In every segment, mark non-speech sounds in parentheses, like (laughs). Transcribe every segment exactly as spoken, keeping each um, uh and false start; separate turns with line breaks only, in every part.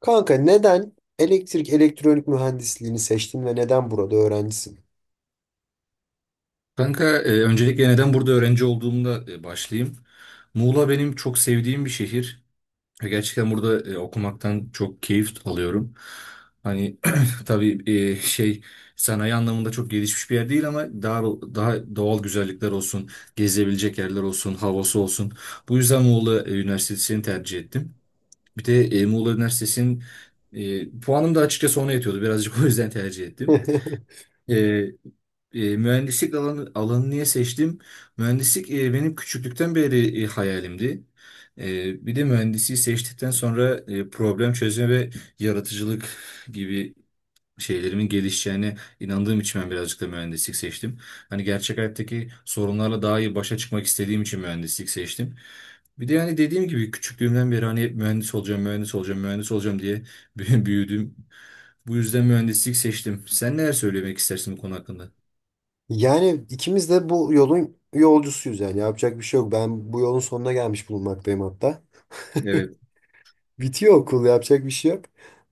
Kanka neden elektrik elektronik mühendisliğini seçtin ve neden burada öğrencisin?
Kanka, e, öncelikle neden burada öğrenci olduğumda e, başlayayım. Muğla benim çok sevdiğim bir şehir. E, Gerçekten burada e, okumaktan çok keyif alıyorum. Hani (clears throat) tabii e, şey sanayi anlamında çok gelişmiş bir yer değil ama daha daha doğal güzellikler olsun, gezebilecek yerler olsun, havası olsun. Bu yüzden Muğla e, Üniversitesi'ni tercih ettim. Bir de e, Muğla Üniversitesi'nin e, puanım da açıkçası ona yetiyordu. Birazcık (laughs) o yüzden tercih ettim.
(laughs)
E, e, mühendislik alanı, alanı niye seçtim? Mühendislik e, benim küçüklükten beri e, hayalimdi. E, bir de mühendisliği seçtikten sonra e, problem çözme ve yaratıcılık gibi şeylerimin gelişeceğine inandığım için ben birazcık da mühendislik seçtim. Hani gerçek hayattaki sorunlarla daha iyi başa çıkmak istediğim için mühendislik seçtim. Bir de yani dediğim gibi küçüklüğümden beri hani hep mühendis olacağım, mühendis olacağım, mühendis olacağım diye (laughs) büyüdüm. Bu yüzden mühendislik seçtim. Sen neler söylemek istersin bu konu hakkında?
Yani ikimiz de bu yolun yolcusuyuz, yani yapacak bir şey yok. Ben bu yolun sonuna gelmiş bulunmaktayım hatta.
Evet.
(laughs) Bitiyor okul, yapacak bir şey yok.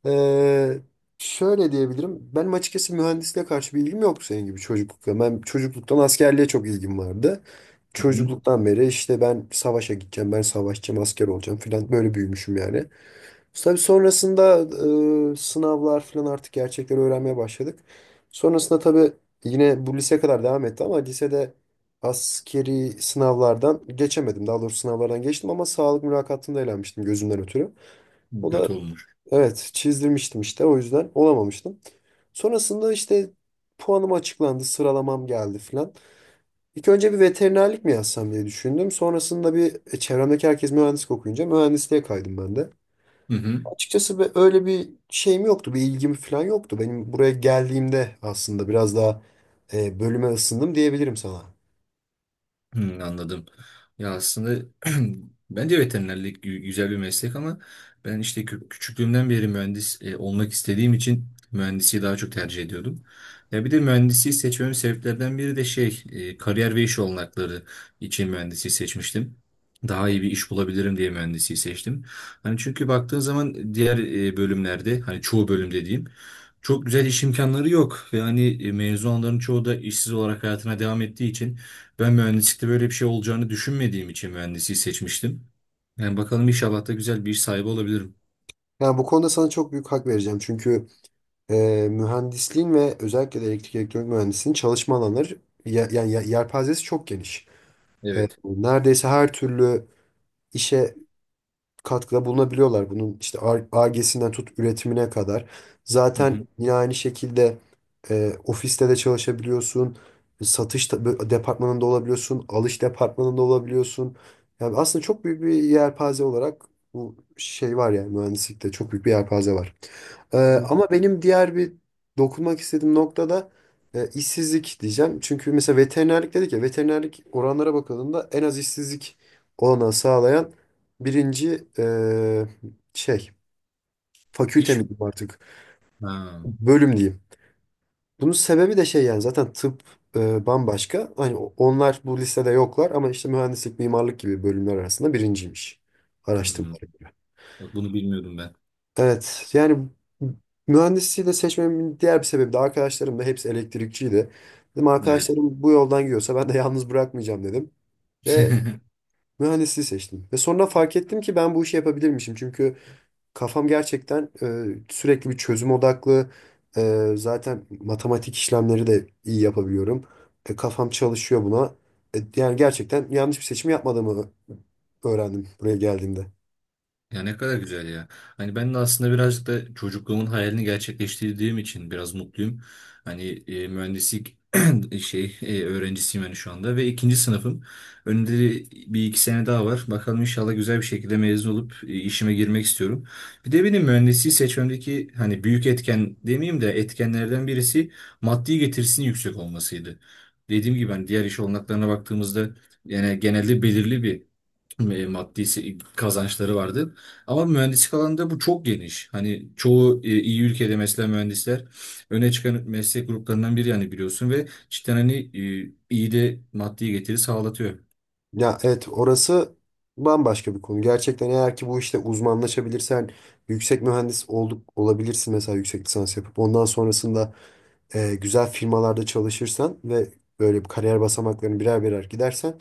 Ee, Şöyle diyebilirim. Benim açıkçası mühendisliğe karşı bir ilgim yoktu senin gibi çocuklukta. Ben çocukluktan askerliğe çok ilgim vardı.
Hı hı.
Çocukluktan beri işte ben savaşa gideceğim, ben savaşçı asker olacağım falan böyle büyümüşüm yani. Tabii sonrasında e, sınavlar falan artık gerçekleri öğrenmeye başladık. Sonrasında tabii yine bu lise kadar devam etti ama lisede askeri sınavlardan geçemedim. Daha doğrusu sınavlardan geçtim ama sağlık mülakatında elenmiştim gözümden ötürü. O da
Kötü olmuş.
evet, çizdirmiştim işte, o yüzden olamamıştım. Sonrasında işte puanım açıklandı, sıralamam geldi falan. İlk önce bir veterinerlik mi yazsam diye düşündüm. Sonrasında bir e, çevremdeki herkes mühendislik okuyunca mühendisliğe kaydım ben de.
Hı hı.
Açıkçası be- öyle bir şeyim yoktu, bir ilgim falan yoktu. Benim buraya geldiğimde aslında biraz daha e, bölüme ısındım diyebilirim sana.
Hmm, anladım. Ya aslında (clears throat) bence veterinerlik gü- güzel bir meslek ama ben işte kü- küçüklüğümden beri mühendis e, olmak istediğim için mühendisliği daha çok tercih ediyordum. Ya bir de mühendisliği seçmemin sebeplerden biri de şey e, kariyer ve iş olanakları için mühendisliği seçmiştim. Daha iyi bir iş bulabilirim diye mühendisliği seçtim. Hani çünkü baktığın zaman diğer e, bölümlerde hani çoğu bölüm dediğim çok güzel iş imkanları yok ve hani e, mezun çoğu da işsiz olarak hayatına devam ettiği için ben mühendislikte böyle bir şey olacağını düşünmediğim için mühendisliği seçmiştim. Yani bakalım inşallah da güzel bir iş sahibi olabilirim.
Yani bu konuda sana çok büyük hak vereceğim. Çünkü e, mühendisliğin ve özellikle de elektrik elektronik mühendisliğin çalışma alanları ya- yani ya- yelpazesi çok geniş. E,
Evet.
neredeyse her türlü işe katkıda bulunabiliyorlar. Bunun işte Ar-Ge'sinden tut üretimine kadar.
Hı
Zaten
hı.
yine aynı şekilde e, ofiste de çalışabiliyorsun. Satış da- bö- departmanında olabiliyorsun. Alış departmanında olabiliyorsun. Yani aslında çok büyük bir yelpaze olarak bu şey var, yani mühendislikte çok büyük bir yelpaze var. Ee,
Evet.
Ama benim diğer bir dokunmak istediğim nokta da e, işsizlik diyeceğim. Çünkü mesela veterinerlik dedik ya, veterinerlik oranlara bakıldığında en az işsizlik olanağı sağlayan birinci e, şey, fakülte mi
İş mi?
diyeyim artık,
Ha.
bölüm diyeyim. Bunun sebebi de şey, yani zaten tıp e, bambaşka. Hani o- onlar bu listede yoklar ama işte mühendislik, mimarlık gibi bölümler arasında birinciymiş
Hmm.
araştırmalar.
Bak bunu bilmiyordum ben.
Evet, yani mühendisliği de seçmemin diğer bir sebebi de arkadaşlarım da hepsi elektrikçiydi. Dedim
Evet.
arkadaşlarım bu yoldan gidiyorsa ben de yalnız bırakmayacağım dedim. Ve
(laughs)
mühendisliği seçtim. Ve sonra fark ettim ki ben bu işi yapabilirmişim. Çünkü kafam gerçekten e, sürekli bir çözüm odaklı. E, zaten matematik işlemleri de iyi yapabiliyorum. E, kafam çalışıyor buna. E, yani gerçekten yanlış bir seçim yapmadığımı öğrendim buraya geldiğimde.
Ya ne kadar güzel ya. Hani ben de aslında birazcık da çocukluğumun hayalini gerçekleştirdiğim için biraz mutluyum. Hani e, mühendislik (clears throat) şey e, öğrencisiyim hani şu anda ve ikinci sınıfım. Önümde de bir iki sene daha var. Bakalım inşallah güzel bir şekilde mezun olup e, işime girmek istiyorum. Bir de benim mühendisliği seçmemdeki hani büyük etken demeyeyim de etkenlerden birisi maddi getirisinin yüksek olmasıydı. Dediğim gibi hani diğer iş olanaklarına baktığımızda yani genelde belirli bir e, maddi se- kazançları vardı. Ama mühendislik alanında bu çok geniş. Hani çoğu e, iyi ülkede mesela mühendisler öne çıkan meslek gruplarından biri yani biliyorsun ve cidden hani e, iyi de maddi getiri sağlatıyor.
Ya evet, orası bambaşka bir konu. Gerçekten eğer ki bu işte uzmanlaşabilirsen yüksek mühendis olduk olabilirsin mesela, yüksek lisans yapıp ondan sonrasında e, güzel firmalarda çalışırsan ve böyle bir kariyer basamaklarını birer birer gidersen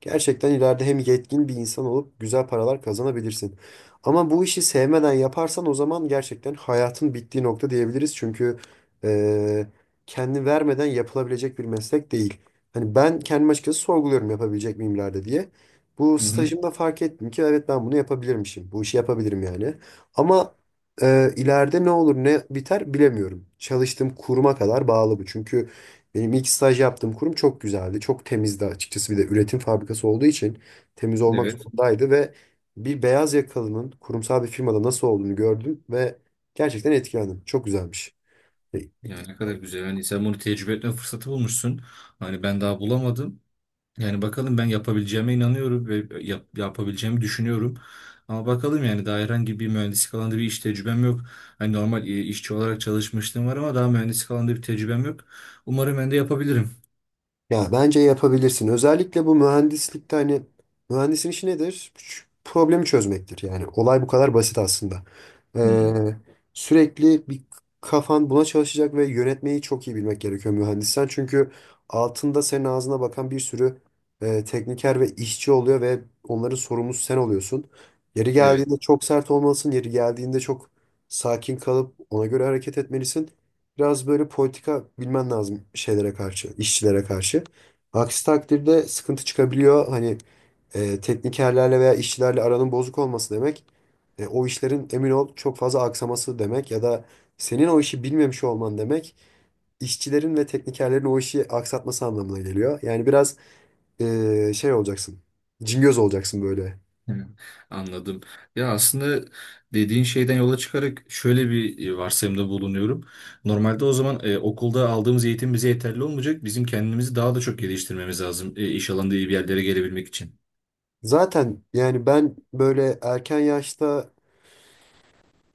gerçekten ileride hem yetkin bir insan olup güzel paralar kazanabilirsin. Ama bu işi sevmeden yaparsan o zaman gerçekten hayatın bittiği nokta diyebiliriz. Çünkü e, kendi vermeden yapılabilecek bir meslek değil. Hani ben kendim açıkçası sorguluyorum yapabilecek miyim ileride diye. Bu
Hı hı.
stajımda fark ettim ki evet, ben bunu yapabilirmişim. Bu işi yapabilirim yani. Ama ee, ileride ne olur ne biter bilemiyorum. Çalıştığım kuruma kadar bağlı bu. Çünkü benim ilk staj yaptığım kurum çok güzeldi. Çok temizdi açıkçası. Bir de üretim fabrikası olduğu için temiz olmak
Evet.
zorundaydı ve bir beyaz yakalının kurumsal bir firmada nasıl olduğunu gördüm ve gerçekten etkilendim. Çok güzelmiş. E,
Yani ne kadar güzel. Hani sen bunu tecrübe etme fırsatı bulmuşsun. Hani ben daha bulamadım. Yani bakalım ben yapabileceğime inanıyorum ve yap- yapabileceğimi düşünüyorum. Ama bakalım yani daha herhangi bir mühendislik alanında bir iş tecrübem yok. Hani normal e, işçi olarak çalışmışlığım var ama daha mühendislik alanında bir tecrübem yok. Umarım ben de yapabilirim.
Ya bence yapabilirsin. Özellikle bu mühendislikte hani mühendisin işi nedir? Ç- Problemi çözmektir. Yani olay bu kadar basit aslında.
Hmm,
Ee, Sürekli bir kafan buna çalışacak ve yönetmeyi çok iyi bilmek gerekiyor mühendissen. Çünkü altında senin ağzına bakan bir sürü e, tekniker ve işçi oluyor ve onların sorumlusu sen oluyorsun. Yeri
evet.
geldiğinde çok sert olmalısın. Yeri geldiğinde çok sakin kalıp ona göre hareket etmelisin. Biraz böyle politika bilmen lazım şeylere karşı, işçilere karşı. Aksi takdirde sıkıntı çıkabiliyor. Hani e, teknikerlerle veya işçilerle aranın bozuk olması demek, e, o işlerin emin ol çok fazla aksaması demek ya da senin o işi bilmemiş olman demek, işçilerin ve teknikerlerin o işi aksatması anlamına geliyor. Yani biraz e, şey olacaksın, cingöz olacaksın böyle.
Hı, Anladım. Ya aslında dediğin şeyden yola çıkarak şöyle bir e, varsayımda bulunuyorum. Normalde o zaman e, okulda aldığımız eğitim bize yeterli olmayacak. Bizim kendimizi daha da çok geliştirmemiz lazım e, iş alanında iyi bir yerlere gelebilmek için.
Zaten yani ben böyle erken yaşta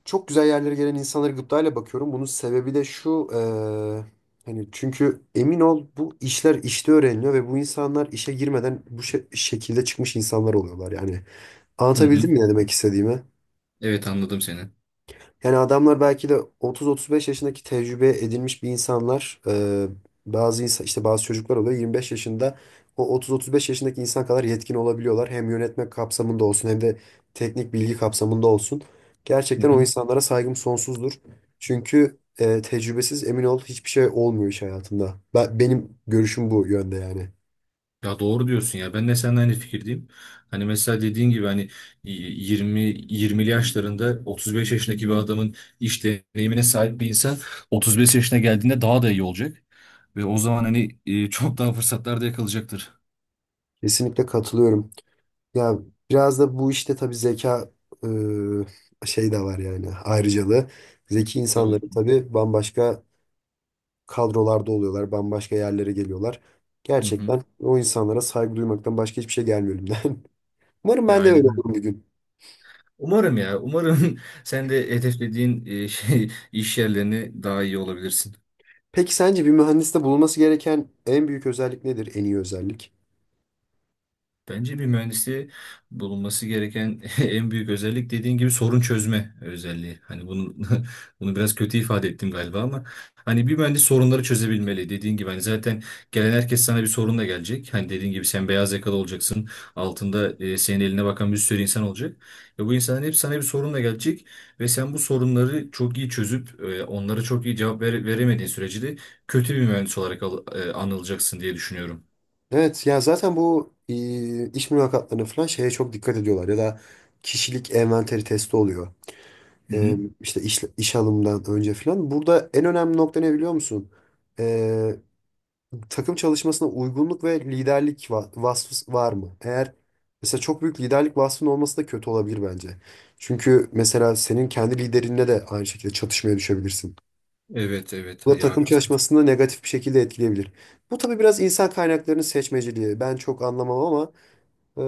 çok güzel yerlere gelen insanlara gıptayla bakıyorum. Bunun sebebi de şu. Eee, hani çünkü emin ol bu işler işte öğreniliyor ve bu insanlar işe girmeden bu şe- şekilde çıkmış insanlar oluyorlar. Yani
Hı hı.
anlatabildim mi ne demek istediğimi?
Evet anladım seni.
Yani adamlar belki de otuz otuz beş yaşındaki tecrübe edilmiş bir insanlar. E, bazı insan, işte bazı çocuklar oluyor yirmi beş yaşında, o otuz otuz beş yaşındaki insan kadar yetkin olabiliyorlar. Hem yönetme kapsamında olsun hem de teknik bilgi kapsamında olsun.
Hı
Gerçekten o
hı.
insanlara saygım sonsuzdur. Çünkü e, tecrübesiz emin ol hiçbir şey olmuyor iş hayatında. Ben, benim görüşüm bu yönde yani.
Ya doğru diyorsun ya. Ben de seninle aynı fikirdeyim. Hani mesela dediğin gibi hani yirmi yirmili yaşlarında otuz beş yaşındaki bir adamın iş deneyimine sahip bir insan otuz beş yaşına geldiğinde daha da iyi olacak. Ve o zaman hani e, çok daha fırsatlar da yakalayacaktır.
Kesinlikle katılıyorum. Ya biraz da bu işte tabii zeka e, şey de var yani, ayrıcalığı. Zeki insanların
Tabii.
tabii bambaşka kadrolarda oluyorlar, bambaşka yerlere geliyorlar.
Hı hı.
Gerçekten o insanlara saygı duymaktan başka hiçbir şey gelmiyor elimden. (laughs) Umarım
Ya
ben de
aynen.
öyle
Öyle.
olurum bir gün.
Umarım ya. Umarım (laughs) sen de hedeflediğin e, şey iş yerlerini daha iyi olabilirsin.
Peki sence bir mühendiste bulunması gereken en büyük özellik nedir? En iyi özellik?
Bence bir mühendisi bulunması gereken (laughs) en büyük özellik dediğin gibi sorun çözme özelliği. Hani bunu (laughs) bunu biraz kötü ifade ettim galiba ama hani bir mühendis sorunları çözebilmeli. Dediğin gibi hani zaten gelen herkes sana bir sorunla gelecek. Hani dediğin gibi sen beyaz yakalı olacaksın. Altında e, senin eline bakan bir sürü insan olacak. Ve bu insanların hep sana bir sorunla gelecek ve sen bu sorunları çok iyi çözüp e, onlara çok iyi cevap vere- veremediğin sürece de kötü bir mühendis olarak al- e, anılacaksın diye düşünüyorum.
Evet ya, zaten bu e, iş mülakatlarına falan şeye çok dikkat ediyorlar ya da kişilik envanteri testi oluyor.
Hı
e,
hı.
işte iş, iş alımdan önce falan. Burada en önemli nokta ne biliyor musun? E, takım çalışmasına uygunluk ve liderlik va- vasfı var mı? Eğer mesela çok büyük liderlik vasfının olması da kötü olabilir bence. Çünkü mesela senin kendi liderinle de aynı şekilde çatışmaya düşebilirsin.
Evet evet
Bu da
ya
takım
haklısın.
çalışmasını negatif bir şekilde etkileyebilir. Bu tabii biraz insan kaynaklarının seçmeciliği. Ben çok anlamam ama e,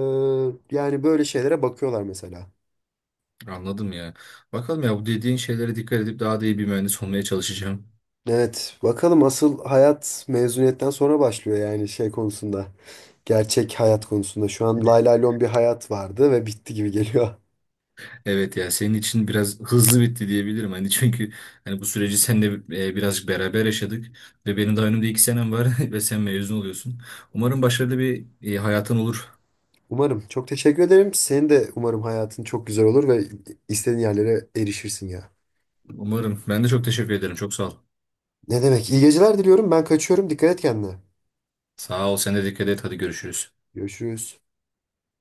yani böyle şeylere bakıyorlar mesela.
Anladım ya. Bakalım ya bu dediğin şeylere dikkat edip daha da iyi bir mühendis olmaya çalışacağım.
Evet, bakalım asıl hayat mezuniyetten sonra başlıyor yani şey konusunda. Gerçek hayat konusunda. Şu an lay lay lon bir hayat vardı ve bitti gibi geliyor.
Evet ya senin için biraz hızlı bitti diyebilirim. Hani çünkü hani bu süreci seninle e, birazcık beraber yaşadık ve benim daha önümde iki senem var (laughs) ve sen mezun oluyorsun. Umarım başarılı bir e, hayatın olur.
(laughs) Umarım. Çok teşekkür ederim. Senin de umarım hayatın çok güzel olur ve istediğin yerlere erişirsin ya.
Umarım. Ben de çok teşekkür ederim. Çok sağ ol.
Ne demek? İyi geceler diliyorum. Ben kaçıyorum. Dikkat et kendine.
Sağ ol. Sen de dikkat et. Hadi görüşürüz.
Görüşürüz.